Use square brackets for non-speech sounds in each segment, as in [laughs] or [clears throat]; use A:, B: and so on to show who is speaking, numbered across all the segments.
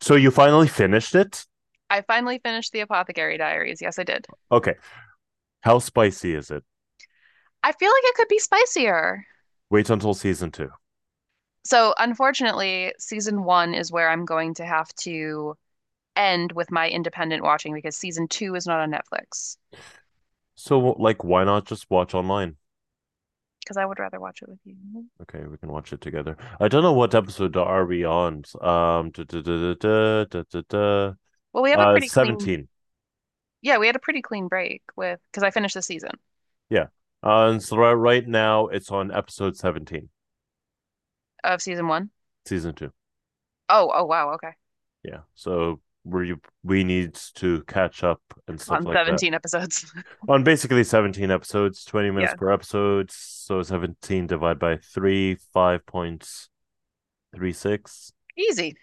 A: So you finally finished it?
B: I finally finished the Apothecary Diaries. Yes, I did.
A: Okay. How spicy is it?
B: I feel like it could be spicier.
A: Wait until season two.
B: So, unfortunately, season one is where I'm going to have to end with my independent watching because season two is not on Netflix.
A: So, like, why not just watch online?
B: Because I would rather watch it with you.
A: Okay, we can watch it together. I don't know what episode are we on. Da, da, da, da, da, da, da.
B: Well, we have a pretty clean,
A: 17
B: yeah, we had a pretty clean break with, because I finished the season
A: Yeah. And so right now it's on episode 17,
B: of season one.
A: season two.
B: Oh, oh, wow. Okay.
A: Yeah. So we need to catch up and stuff
B: On
A: like that
B: 17 episodes. [laughs]
A: on basically 17 episodes, 20 minutes
B: Yeah.
A: per episode. So 17 divided by three, 5.36.
B: Easy.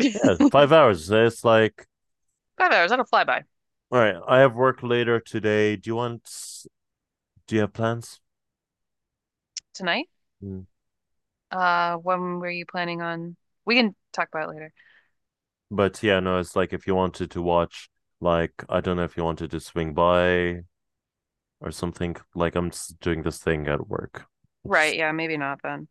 B: [laughs]
A: Yeah,
B: Five
A: 5 hours. It's like,
B: hours. That'll fly by.
A: all right, I have work later today. Do you want? Do you have plans?
B: Tonight,
A: Mm.
B: when were you planning on? We can talk about it later.
A: But yeah, no, it's like if you wanted to watch, like I don't know if you wanted to swing by or something. Like I'm just doing this thing at work.
B: Right,
A: Just
B: yeah, maybe not then.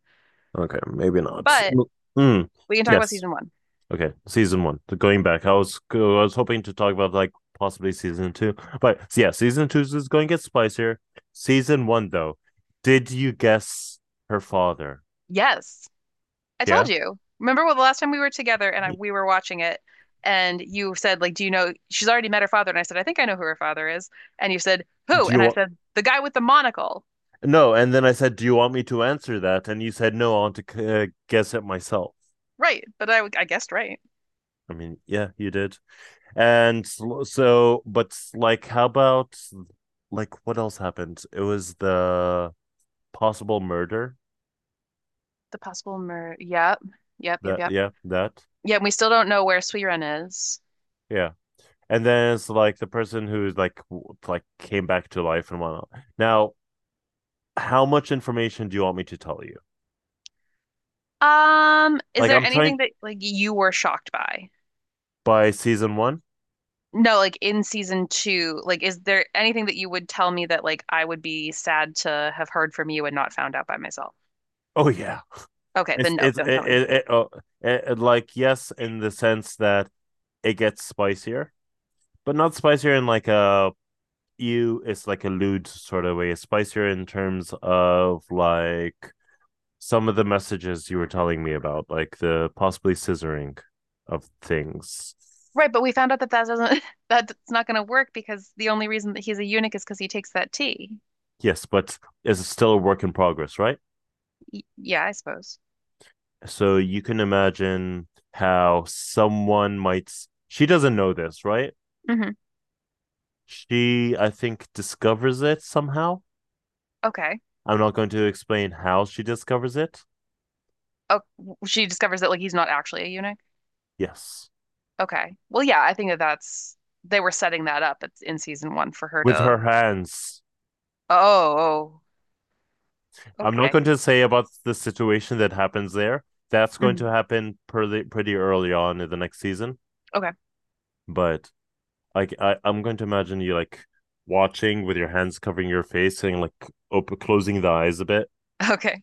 A: okay, maybe not.
B: But
A: Mm.
B: we can talk about
A: Yes.
B: season one.
A: Okay, season one. Going back, I was hoping to talk about like possibly season two, but yeah, season two is going to get spicier. Season one, though, did you guess her father?
B: Yes. I
A: Yeah.
B: told you. Remember what the last time we were together and we were watching it and you said like, "Do you know she's already met her father?" And I said, "I think I know who her father is." And you said, "Who?"
A: Do you
B: And I
A: want?
B: said, "The guy with the monocle."
A: No, and then I said, "Do you want me to answer that?" And you said, "No, I want to guess it myself."
B: Right, but I guessed right.
A: I mean, yeah, you did. And so but like, how about like what else happened? It was the possible murder.
B: The possible murder. Yep. Yep, yep,
A: That
B: yep.
A: yeah, that
B: Yeah, we still don't know where Suiren is.
A: yeah. And then it's like the person who's like came back to life and whatnot. Now, how much information do you want me to tell you?
B: Is
A: Like,
B: there
A: I'm trying
B: anything that like you were shocked by?
A: by season one.
B: No, like in season two, like is there anything that you would tell me that like I would be sad to have heard from you and not found out by myself?
A: Oh yeah,
B: Okay, then no,
A: it's
B: don't tell
A: it,
B: me.
A: it, it, oh, it like yes in the sense that it gets spicier, but not spicier in like a you it's like a lewd sort of way. It's spicier in terms of like some of the messages you were telling me about, like the possibly scissoring of things.
B: Right, but we found out that that doesn't [laughs] that's not going to work because the only reason that he's a eunuch is because he takes that tea.
A: Yes, but it's still a work in progress, right?
B: Y yeah, I suppose.
A: So you can imagine how someone might. She doesn't know this, right?
B: Hmm.
A: She, I think, discovers it somehow.
B: Okay.
A: I'm not going to explain how she discovers it.
B: Oh, she discovers that like he's not actually a eunuch.
A: Yes,
B: Okay. Well, yeah, I think that that's they were setting that up in season one for her
A: with
B: to.
A: her hands.
B: Oh, oh,
A: I'm not
B: okay.
A: going to say about the situation that happens there. That's going
B: Hmm.
A: to happen pretty early on in the next season.
B: Okay.
A: But like, I'm going to imagine you like watching with your hands covering your face and like open, closing the eyes a bit
B: [laughs] Okay.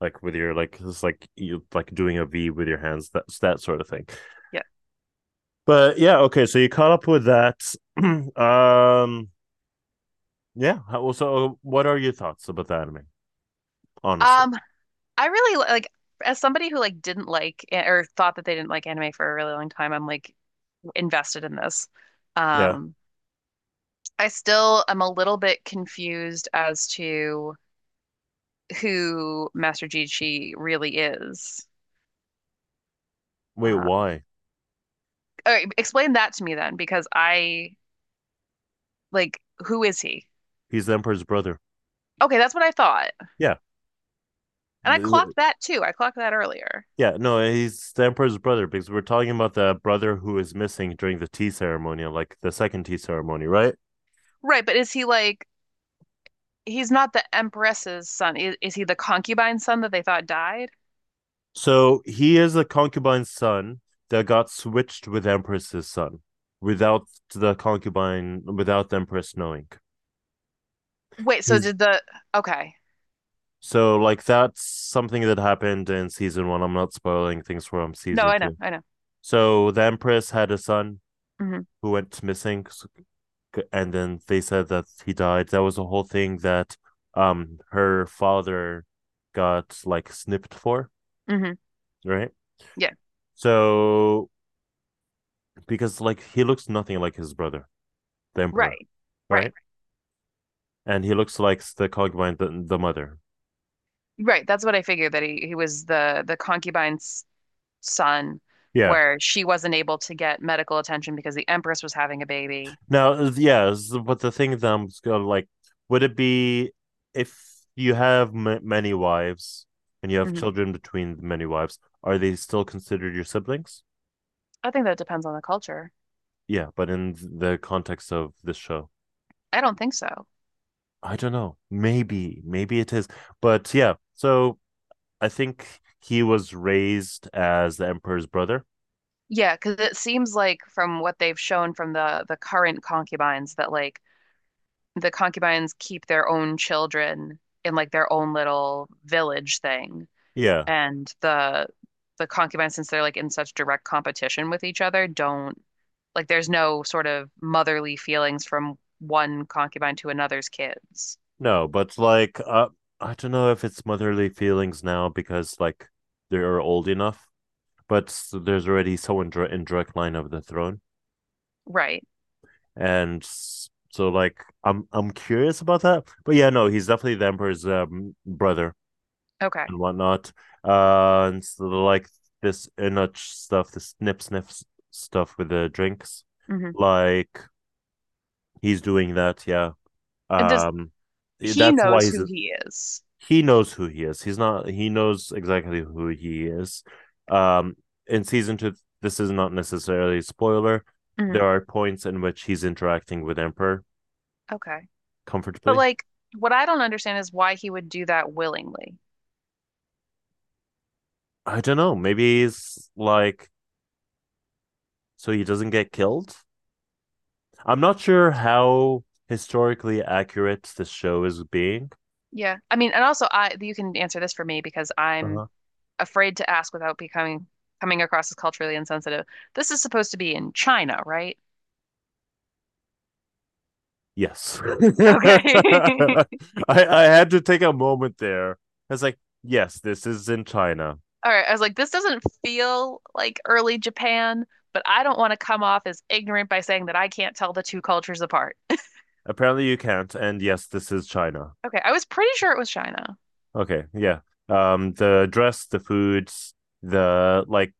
A: like with your like it's like you like doing a V with your hands. That's that sort of thing.
B: Yeah.
A: But yeah, okay. So you caught up with that. [clears throat] um, yeah. Well, so what are your thoughts about the anime? Honestly,
B: Um, I really like as somebody who like didn't like or thought that they didn't like anime for a really long time, I'm like invested in this.
A: yeah.
B: Um, I still am a little bit confused as to who Master Chi really is.
A: Wait,
B: Uh,
A: why?
B: all right, explain that to me then, because I like who is he?
A: He's the emperor's brother.
B: Okay, that's what I thought,
A: Yeah.
B: and I clocked that too. I clocked that earlier.
A: Yeah, no, he's the emperor's brother because we're talking about the brother who is missing during the tea ceremony, like the second tea ceremony, right?
B: Right, but is he like he's not the Empress's son? Is he the concubine's son that they thought died?
A: So he is a concubine's son that got switched with Empress's son without the concubine, without the Empress knowing.
B: Wait, so
A: He's
B: did the Okay.
A: So, like, that's something that happened in season one. I'm not spoiling things from
B: No,
A: season
B: I know,
A: two.
B: I know.
A: So, the Empress had a son
B: Hmm.
A: who went missing, and then they said that he died. That was a whole thing that her father got like snipped for,
B: Hmm.
A: right?
B: Yeah.
A: So, because like he looks nothing like his brother. The emperor,
B: Right.
A: right?
B: Right.
A: And he looks like the Cogwine, the mother.
B: Right. That's what I figured that he was the concubine's son
A: Yeah.
B: where she wasn't able to get medical attention because the Empress was having a baby.
A: Now, yeah, but the thing that I'm gonna, like, would it be if you have many wives and you have
B: Hmm.
A: children between the many wives, are they still considered your siblings?
B: I think that depends on the culture.
A: Yeah, but in the context of this show,
B: I don't think so.
A: I don't know. Maybe, maybe it is. But yeah, so I think he was raised as the emperor's brother.
B: Yeah, because it seems like from what they've shown from the current concubines that like the concubines keep their own children in like their own little village thing.
A: Yeah,
B: And the concubines, since they're like in such direct competition with each other, don't like there's no sort of motherly feelings from one concubine to another's kids.
A: no, but like I don't know if it's motherly feelings now because like they are old enough, but there's already someone in direct line of the throne,
B: Right.
A: and so like I'm curious about that. But yeah, no, he's definitely the emperor's brother
B: Okay.
A: and whatnot. And so like this Inuch stuff, this snip sniff stuff with the drinks,
B: Hmm.
A: like he's doing that. Yeah,
B: And does
A: um,
B: he
A: that's why
B: knows
A: he's
B: who he is.
A: he knows who he is. He's not. He knows exactly who he is. Um, in season two, this is not necessarily a spoiler.
B: Hmm.
A: There are points in which he's interacting with Emperor
B: Okay. But
A: comfortably.
B: like what I don't understand is why he would do that willingly.
A: I don't know. Maybe he's like so he doesn't get killed. I'm not sure how historically accurate this show is being.
B: Yeah. I mean, and also I you can answer this for me because I'm
A: Uh-huh.
B: afraid to ask without becoming coming across as culturally insensitive. This is supposed to be in China, right?
A: Yes, [laughs]
B: Okay. [laughs]
A: I had to take a moment there. It's like yes, this is in China.
B: All right, I was like, this doesn't feel like early Japan, but I don't want to come off as ignorant by saying that I can't tell the two cultures apart.
A: Apparently you can't. And yes, this is China.
B: Okay, I was pretty sure it was China.
A: Okay, yeah. The dress, the foods, the like,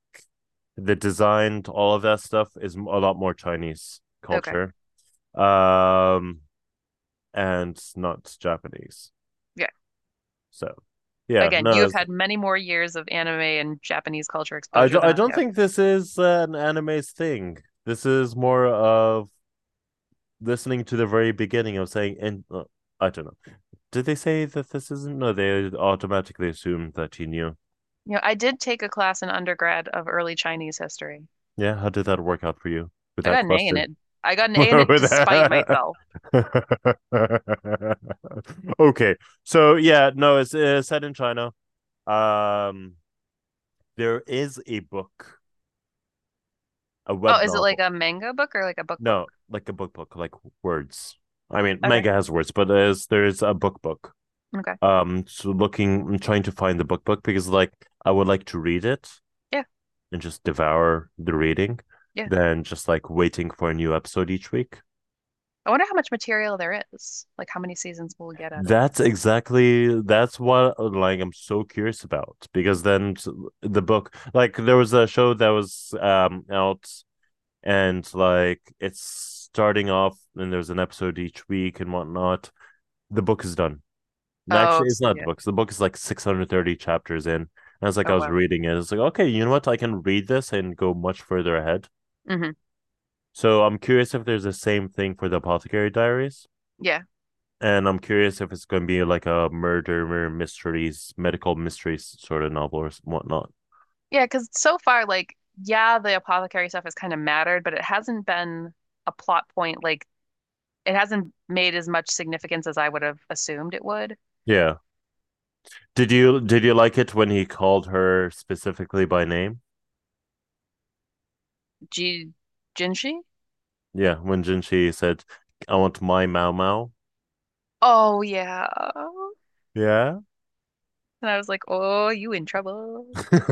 A: the design, all of that stuff is a lot more Chinese
B: Okay,
A: culture. Um, and not Japanese.
B: yeah.
A: So, yeah,
B: Again, you
A: no,
B: have had many more years of anime and Japanese culture exposure than
A: I
B: I
A: don't
B: have.
A: think this is an anime's thing. This is more of listening to the very beginning of saying, and I don't know. Did they say that this isn't? No, they automatically assumed that he knew.
B: You know, I did take a class in undergrad of early Chinese history.
A: Yeah, how did that work out for you with
B: I
A: that
B: got an A in
A: question?
B: it. I got
A: [laughs]
B: an
A: with
B: A in it despite
A: that.
B: myself.
A: [laughs] Okay, so yeah, no, it's set in China. Um, there is a book, a
B: Oh,
A: web
B: is it like
A: novel.
B: a manga book or like a book
A: No,
B: book?
A: like a book book, like words. I mean,
B: Okay,
A: manga has words, but there's a book book.
B: okay.
A: So looking, I'm trying to find the book book because like I would like to read it
B: Yeah,
A: and just devour the reading,
B: yeah.
A: than just like waiting for a new episode each week.
B: I wonder how much material there is. Like how many seasons we'll get out of it.
A: That's what like I'm so curious about because then the book like there was a show that was out and like it's starting off and there's an episode each week and whatnot. The book is done. And
B: Oh,
A: actually, it's
B: so
A: not the
B: yeah.
A: book The book is like 630 chapters in. And it's like I
B: Oh,
A: was
B: wow.
A: reading it. It's like okay, you know what? I can read this and go much further ahead.
B: Hmm.
A: So I'm curious if there's the same thing for the Apothecary Diaries.
B: Yeah.
A: And I'm curious if it's going to be like a murder mysteries, medical mysteries sort of novel or whatnot.
B: Yeah, because so far, like, yeah, the apothecary stuff has kind of mattered, but it hasn't been a plot point. Like, it hasn't made as much significance as I would have assumed it would.
A: Yeah. Did you like it when he called her specifically by name?
B: G Jinshi?
A: Yeah, when Jinshi said, "I want my Mao Mao."
B: Oh, yeah.
A: Yeah.
B: And I was like, oh, you in trouble.
A: [laughs]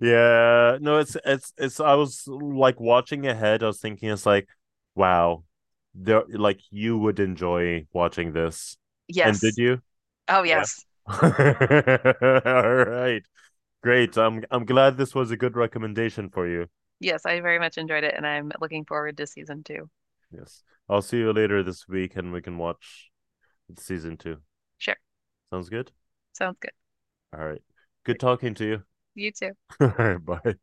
A: yeah. No, it's it's. I was like watching ahead. I was thinking, it's like, wow, there like you would enjoy watching this. And did
B: Yes.
A: you?
B: Oh,
A: Yeah.
B: yes.
A: [laughs] All right. Great. I'm glad this was a good recommendation for you.
B: Yes, I very much enjoyed it, and I'm looking forward to season two.
A: Yes. I'll see you later this week and we can watch season two.
B: Sure.
A: Sounds good?
B: Sounds good.
A: All right. Good
B: Right.
A: talking to you.
B: You too.
A: [laughs] All right. Bye.